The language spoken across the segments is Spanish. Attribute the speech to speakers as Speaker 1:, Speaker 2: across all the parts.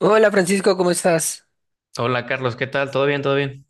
Speaker 1: Hola Francisco, ¿cómo estás?
Speaker 2: Hola Carlos, ¿qué tal? ¿Todo bien?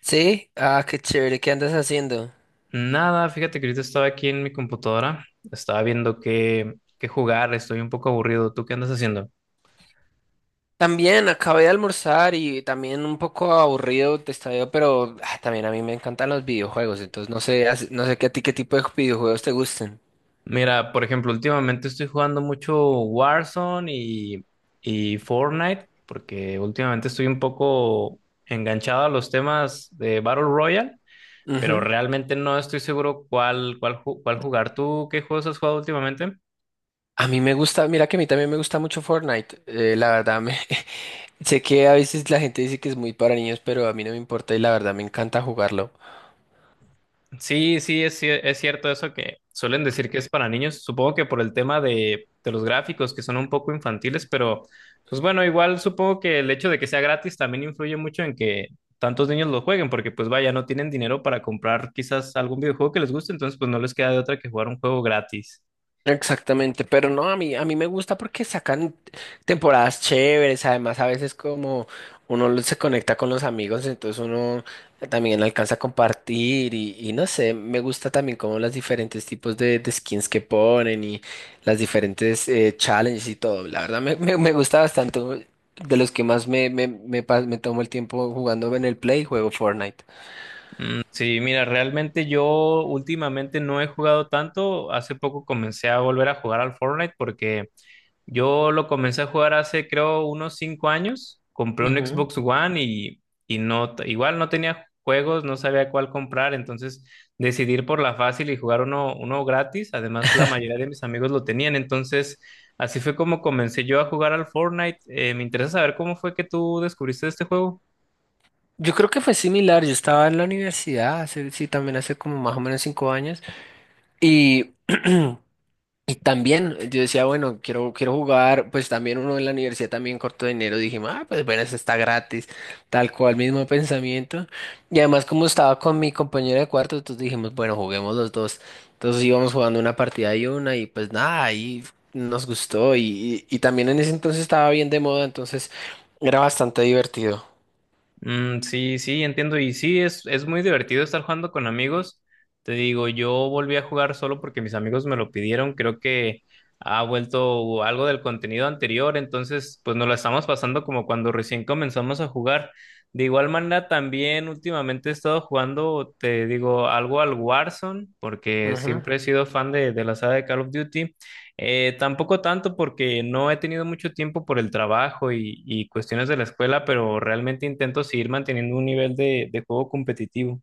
Speaker 1: Sí, qué chévere, ¿qué andas haciendo?
Speaker 2: Nada, fíjate que ahorita estaba aquí en mi computadora, estaba viendo qué jugar, estoy un poco aburrido. ¿Tú qué andas haciendo?
Speaker 1: También acabé de almorzar y también un poco aburrido te estaba, pero también a mí me encantan los videojuegos, entonces no sé, no sé qué a ti qué tipo de videojuegos te gusten.
Speaker 2: Mira, por ejemplo, últimamente estoy jugando mucho Warzone y Fortnite, porque últimamente estoy un poco enganchado a los temas de Battle Royale, pero
Speaker 1: Ujú.
Speaker 2: realmente no estoy seguro cuál jugar. ¿Tú qué juegos has jugado últimamente?
Speaker 1: A mí me gusta, mira que a mí también me gusta mucho Fortnite, la verdad me sé que a veces la gente dice que es muy para niños, pero a mí no me importa y la verdad me encanta jugarlo.
Speaker 2: Sí, sí, es cierto eso que suelen decir que es para niños, supongo que por el tema de los gráficos que son un poco infantiles, pero pues bueno, igual supongo que el hecho de que sea gratis también influye mucho en que tantos niños lo jueguen, porque pues vaya, no tienen dinero para comprar quizás algún videojuego que les guste, entonces pues no les queda de otra que jugar un juego gratis.
Speaker 1: Exactamente, pero no, a mí me gusta porque sacan temporadas chéveres, además a veces como se conecta con los amigos, entonces uno también alcanza a compartir y no sé, me gusta también como los diferentes tipos de skins que ponen y las diferentes challenges y todo, la verdad me gusta bastante, de los que más me tomo el tiempo jugando en el Play, juego Fortnite.
Speaker 2: Mm, sí, mira, realmente yo últimamente no he jugado tanto. Hace poco comencé a volver a jugar al Fortnite porque yo lo comencé a jugar hace creo unos cinco años. Compré un
Speaker 1: Ujú.
Speaker 2: Xbox One y no, igual no tenía juegos, no sabía cuál comprar, entonces decidí ir por la fácil y jugar uno gratis. Además, la mayoría de mis amigos lo tenían, entonces así fue como comencé yo a jugar al Fortnite. Me interesa saber cómo fue que tú descubriste este juego.
Speaker 1: Yo creo que fue similar, yo estaba en la universidad, hace, sí, también hace como más o menos 5 años. Y, y también yo decía, bueno, quiero jugar, pues también uno en la universidad también corto de dinero, dije, pues bueno, eso está gratis, tal cual, mismo pensamiento. Y además como estaba con mi compañero de cuarto, entonces dijimos, bueno, juguemos los dos. Entonces íbamos jugando una partida y una y pues nada, ahí nos gustó y también en ese entonces estaba bien de moda, entonces era bastante divertido.
Speaker 2: Mm, sí, sí, entiendo. Y sí, es muy divertido estar jugando con amigos. Te digo, yo volví a jugar solo porque mis amigos me lo pidieron. Creo que ha vuelto algo del contenido anterior. Entonces, pues nos lo estamos pasando como cuando recién comenzamos a jugar. De igual manera, también últimamente he estado jugando, te digo, algo al Warzone, porque siempre he sido fan de la saga de Call of Duty. Tampoco tanto porque no he tenido mucho tiempo por el trabajo y cuestiones de la escuela, pero realmente intento seguir manteniendo un nivel de juego competitivo.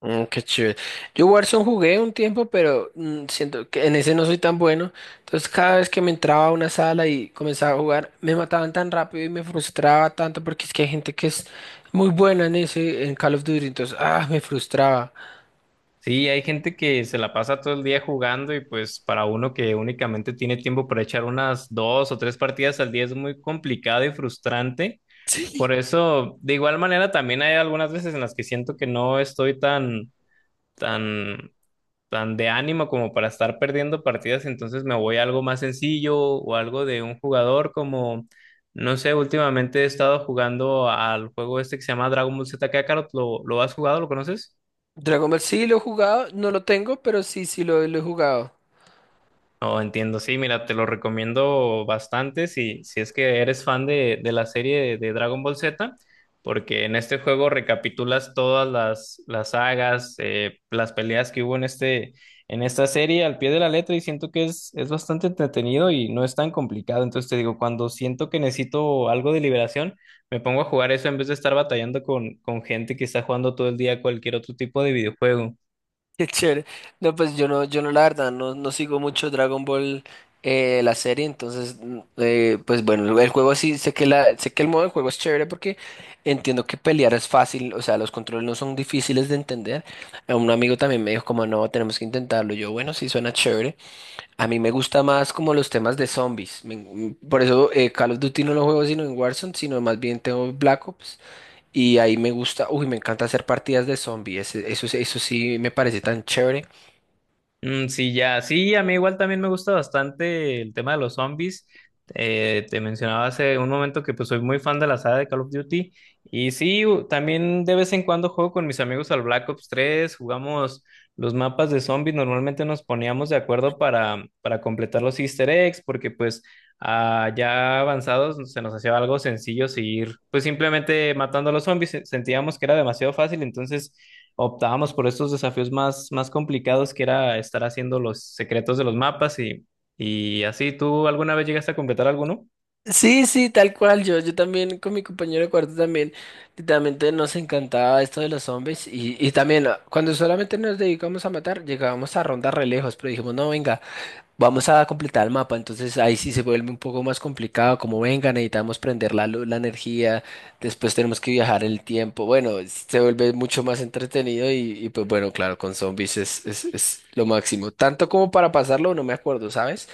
Speaker 1: Mm, qué chévere. Yo Warzone jugué un tiempo, pero siento que en ese no soy tan bueno. Entonces cada vez que me entraba a una sala y comenzaba a jugar, me mataban tan rápido y me frustraba tanto porque es que hay gente que es muy buena en ese, en Call of Duty. Entonces, me frustraba.
Speaker 2: Sí, hay gente que se la pasa todo el día jugando y pues para uno que únicamente tiene tiempo para echar unas dos o tres partidas al día es muy complicado y frustrante. Por
Speaker 1: Sí.
Speaker 2: eso, de igual manera, también hay algunas veces en las que siento que no estoy tan tan de ánimo como para estar perdiendo partidas, entonces me voy a algo más sencillo o algo de un jugador como, no sé, últimamente he estado jugando al juego este que se llama Dragon Ball Z Kakarot, lo has jugado? ¿Lo conoces?
Speaker 1: Dragon Ball sí lo he jugado, no lo tengo, pero sí, sí lo he jugado.
Speaker 2: No, entiendo, sí, mira, te lo recomiendo bastante si es que eres fan de la serie de Dragon Ball Z, porque en este juego recapitulas las sagas, las peleas que hubo en en esta serie al pie de la letra y siento que es bastante entretenido y no es tan complicado. Entonces te digo, cuando siento que necesito algo de liberación, me pongo a jugar eso en vez de estar batallando con gente que está jugando todo el día cualquier otro tipo de videojuego.
Speaker 1: Qué chévere. No, pues yo no, la verdad, no sigo mucho Dragon Ball, la serie, entonces, pues bueno, el juego sí, sé que el modo de juego es chévere porque entiendo que pelear es fácil, o sea, los controles no son difíciles de entender. A Un amigo también me dijo como, no, tenemos que intentarlo. Yo, bueno, sí, suena chévere. A mí me gusta más como los temas de zombies. Por eso Call of Duty no lo juego sino en Warzone, sino más bien tengo Black Ops. Y ahí me gusta, uy, me encanta hacer partidas de zombies. Eso sí me parece tan chévere.
Speaker 2: Mm, sí, ya, sí, a mí igual también me gusta bastante el tema de los zombies. Te mencionaba hace un momento que pues soy muy fan de la saga de Call of Duty y sí, también de vez en cuando juego con mis amigos al Black Ops tres. Jugamos los mapas de zombies, normalmente nos poníamos de acuerdo para completar los Easter eggs porque pues ah, ya avanzados se nos hacía algo sencillo seguir pues simplemente matando a los zombies, sentíamos que era demasiado fácil, entonces optábamos por estos desafíos más complicados que era estar haciendo los secretos de los mapas y así. ¿Tú alguna vez llegaste a completar alguno?
Speaker 1: Sí, sí, tal cual. Yo también con mi compañero de cuarto también, literalmente nos encantaba esto de los zombies. Y también cuando solamente nos dedicamos a matar, llegábamos a rondar re lejos, pero dijimos, no, venga, vamos a completar el mapa. Entonces ahí sí se vuelve un poco más complicado, como venga, necesitamos prender la luz, la energía, después tenemos que viajar el tiempo. Bueno, se vuelve mucho más entretenido y pues bueno, claro, con zombies es lo máximo. Tanto como para pasarlo, no me acuerdo, ¿sabes?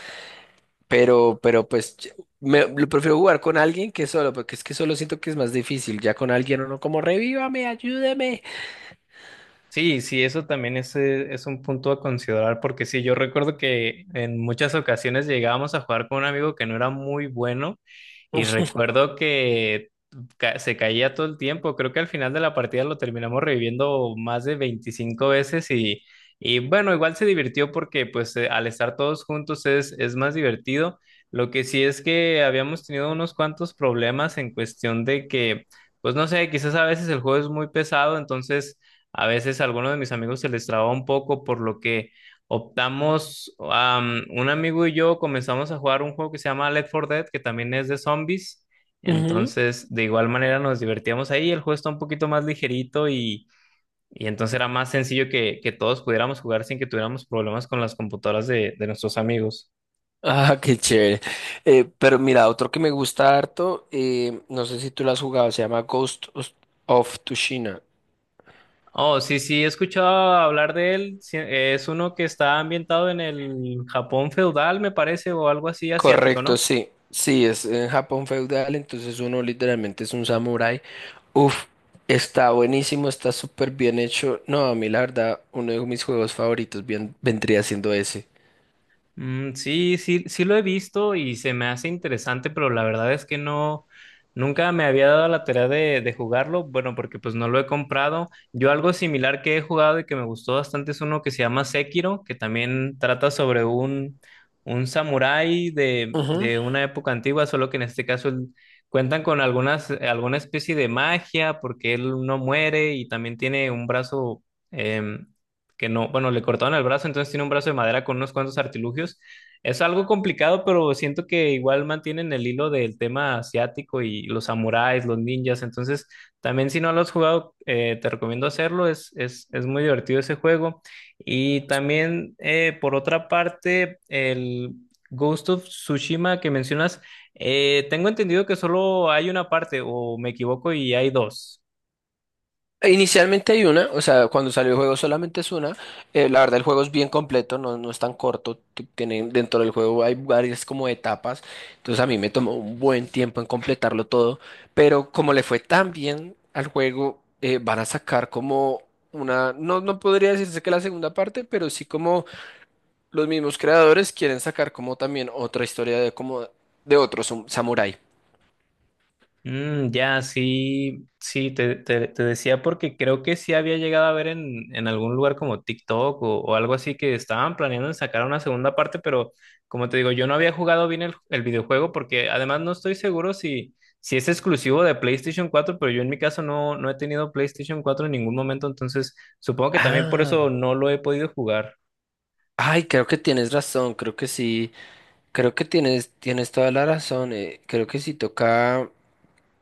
Speaker 1: Pero pues lo prefiero jugar con alguien que solo, porque es que solo siento que es más difícil. Ya con alguien uno como revívame, ayúdeme.
Speaker 2: Sí, sí, eso también es un punto a considerar, porque sí, yo recuerdo que en muchas ocasiones llegábamos a jugar con un amigo que no era muy bueno y recuerdo que se caía todo el tiempo. Creo que al final de la partida lo terminamos reviviendo más de 25 veces y bueno, igual se divirtió porque pues al estar todos juntos es más divertido. Lo que sí es que habíamos tenido unos cuantos problemas en cuestión de que, pues no sé, quizás a veces el juego es muy pesado, entonces a veces a algunos de mis amigos se les traba un poco, por lo que optamos, am, un amigo y yo comenzamos a jugar un juego que se llama Left 4 Dead, que también es de zombies.
Speaker 1: Ujú.
Speaker 2: Entonces, de igual manera nos divertíamos ahí. El juego está un poquito más ligerito y entonces era más sencillo que todos pudiéramos jugar sin que tuviéramos problemas con las computadoras de nuestros amigos.
Speaker 1: Ah, qué chévere. Pero mira, otro que me gusta harto, no sé si tú lo has jugado, se llama Ghost of Tsushima.
Speaker 2: Oh, sí, sí, he escuchado hablar de él. Sí, es uno que está ambientado en el Japón feudal, me parece, o algo así asiático,
Speaker 1: Correcto,
Speaker 2: ¿no?
Speaker 1: sí. Sí, es en Japón feudal, entonces uno literalmente es un samurái. Uf, está buenísimo, está súper bien hecho. No, a mí la verdad, uno de mis juegos favoritos bien, vendría siendo ese.
Speaker 2: Mm, sí, sí, sí lo he visto y se me hace interesante, pero la verdad es que no, nunca me había dado la tarea de jugarlo, bueno, porque pues no lo he comprado. Yo algo similar que he jugado y que me gustó bastante es uno que se llama Sekiro, que también trata sobre un samurái
Speaker 1: Ujú.
Speaker 2: de una época antigua, solo que en este caso cuentan con algunas, alguna especie de magia, porque él no muere y también tiene un brazo. Em, que no, bueno, le cortaron el brazo, entonces tiene un brazo de madera con unos cuantos artilugios. Es algo complicado, pero siento que igual mantienen el hilo del tema asiático y los samuráis, los ninjas. Entonces, también si no lo has jugado, te recomiendo hacerlo. Es muy divertido ese juego. Y también, por otra parte, el Ghost of Tsushima que mencionas, tengo entendido que solo hay una parte, o me equivoco, y hay dos.
Speaker 1: Inicialmente hay una, o sea, cuando salió el juego solamente es una. La verdad el juego es bien completo, no, no es tan corto. Tienen, dentro del juego hay varias como etapas. Entonces a mí me tomó un buen tiempo en completarlo todo. Pero como le fue tan bien al juego, van a sacar como una, no, no podría decirse que la segunda parte, pero sí como los mismos creadores quieren sacar como también otra historia de como de otro samurái.
Speaker 2: Mm, ya, sí, sí, te decía porque creo que sí había llegado a ver en algún lugar como TikTok o algo así que estaban planeando en sacar una segunda parte, pero como te digo, yo no había jugado bien el videojuego porque además no estoy seguro si es exclusivo de PlayStation cuatro, pero yo en mi caso no, no he tenido PlayStation cuatro en ningún momento, entonces supongo que también por
Speaker 1: Ah,
Speaker 2: eso no lo he podido jugar.
Speaker 1: Ay, creo que tienes razón, creo que sí. Creo que tienes toda la razón. Creo que sí toca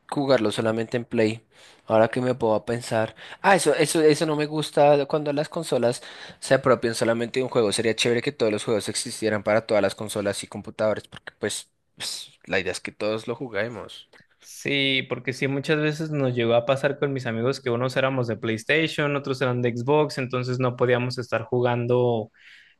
Speaker 1: jugarlo solamente en Play. Ahora que me puedo pensar. Ah, eso no me gusta cuando las consolas se apropian solamente de un juego. Sería chévere que todos los juegos existieran para todas las consolas y computadores, porque pues, la idea es que todos lo juguemos.
Speaker 2: Sí, porque sí, muchas veces nos llegó a pasar con mis amigos que unos éramos de PlayStation, otros eran de Xbox, entonces no podíamos estar jugando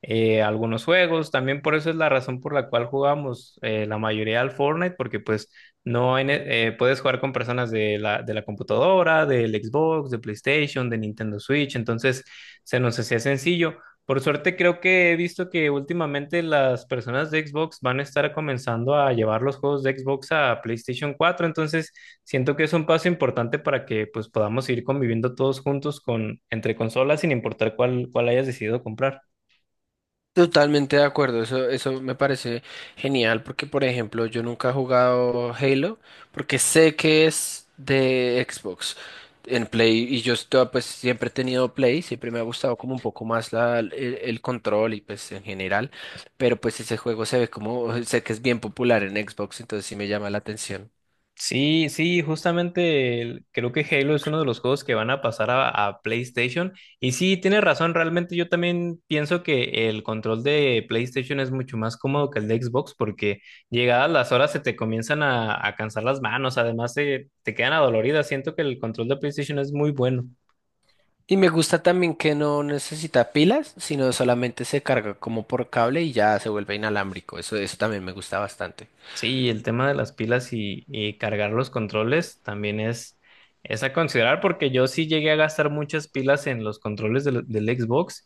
Speaker 2: algunos juegos. También por eso es la razón por la cual jugamos la mayoría al Fortnite, porque pues no hay ne- puedes jugar con personas de la computadora, del Xbox, de PlayStation, de Nintendo Switch, entonces se nos hacía sencillo. Por suerte creo que he visto que últimamente las personas de Xbox van a estar comenzando a llevar los juegos de Xbox a PlayStation cuatro, entonces siento que es un paso importante para que pues podamos ir conviviendo todos juntos con entre consolas sin importar cuál hayas decidido comprar.
Speaker 1: Totalmente de acuerdo, eso me parece genial porque, por ejemplo, yo nunca he jugado Halo porque sé que es de Xbox en Play y yo estoy, pues siempre he tenido Play, siempre me ha gustado como un poco más el control y pues en general, pero pues ese juego se ve como, sé que es bien popular en Xbox, entonces sí me llama la atención.
Speaker 2: Sí, sí, justamente creo que Halo es uno de los juegos que van a pasar a PlayStation. Y sí, tienes razón, realmente yo también pienso que el control de PlayStation es mucho más cómodo que el de Xbox porque llegadas las horas se te comienzan a cansar las manos, además te quedan adoloridas. Siento que el control de PlayStation es muy bueno.
Speaker 1: Y me gusta también que no necesita pilas, sino solamente se carga como por cable y ya se vuelve inalámbrico, eso también me gusta bastante.
Speaker 2: Sí, el tema de las pilas y cargar los controles también es a considerar porque yo sí llegué a gastar muchas pilas en los controles del Xbox,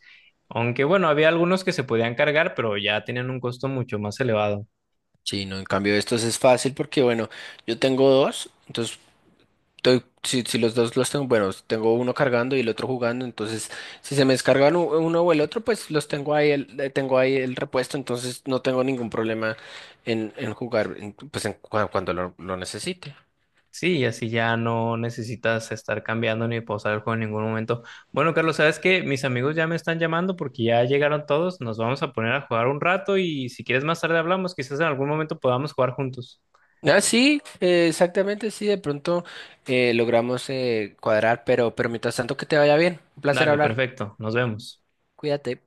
Speaker 2: aunque bueno, había algunos que se podían cargar, pero ya tenían un costo mucho más elevado.
Speaker 1: Sí, no, en cambio estos es fácil porque, bueno, yo tengo dos, entonces si los dos los tengo, bueno, tengo uno cargando y el otro jugando, entonces si se me descargan uno o el otro, pues los tengo ahí, tengo ahí el repuesto, entonces no tengo ningún problema en jugar, pues cuando lo necesite.
Speaker 2: Sí, y así ya no necesitas estar cambiando ni pausar el juego en ningún momento. Bueno, Carlos, sabes que mis amigos ya me están llamando porque ya llegaron todos, nos vamos a poner a jugar un rato y si quieres más tarde hablamos, quizás en algún momento podamos jugar juntos.
Speaker 1: Ah, sí, exactamente, sí, de pronto logramos cuadrar, pero mientras tanto que te vaya bien, un placer
Speaker 2: Dale,
Speaker 1: hablar,
Speaker 2: perfecto, nos vemos.
Speaker 1: cuídate.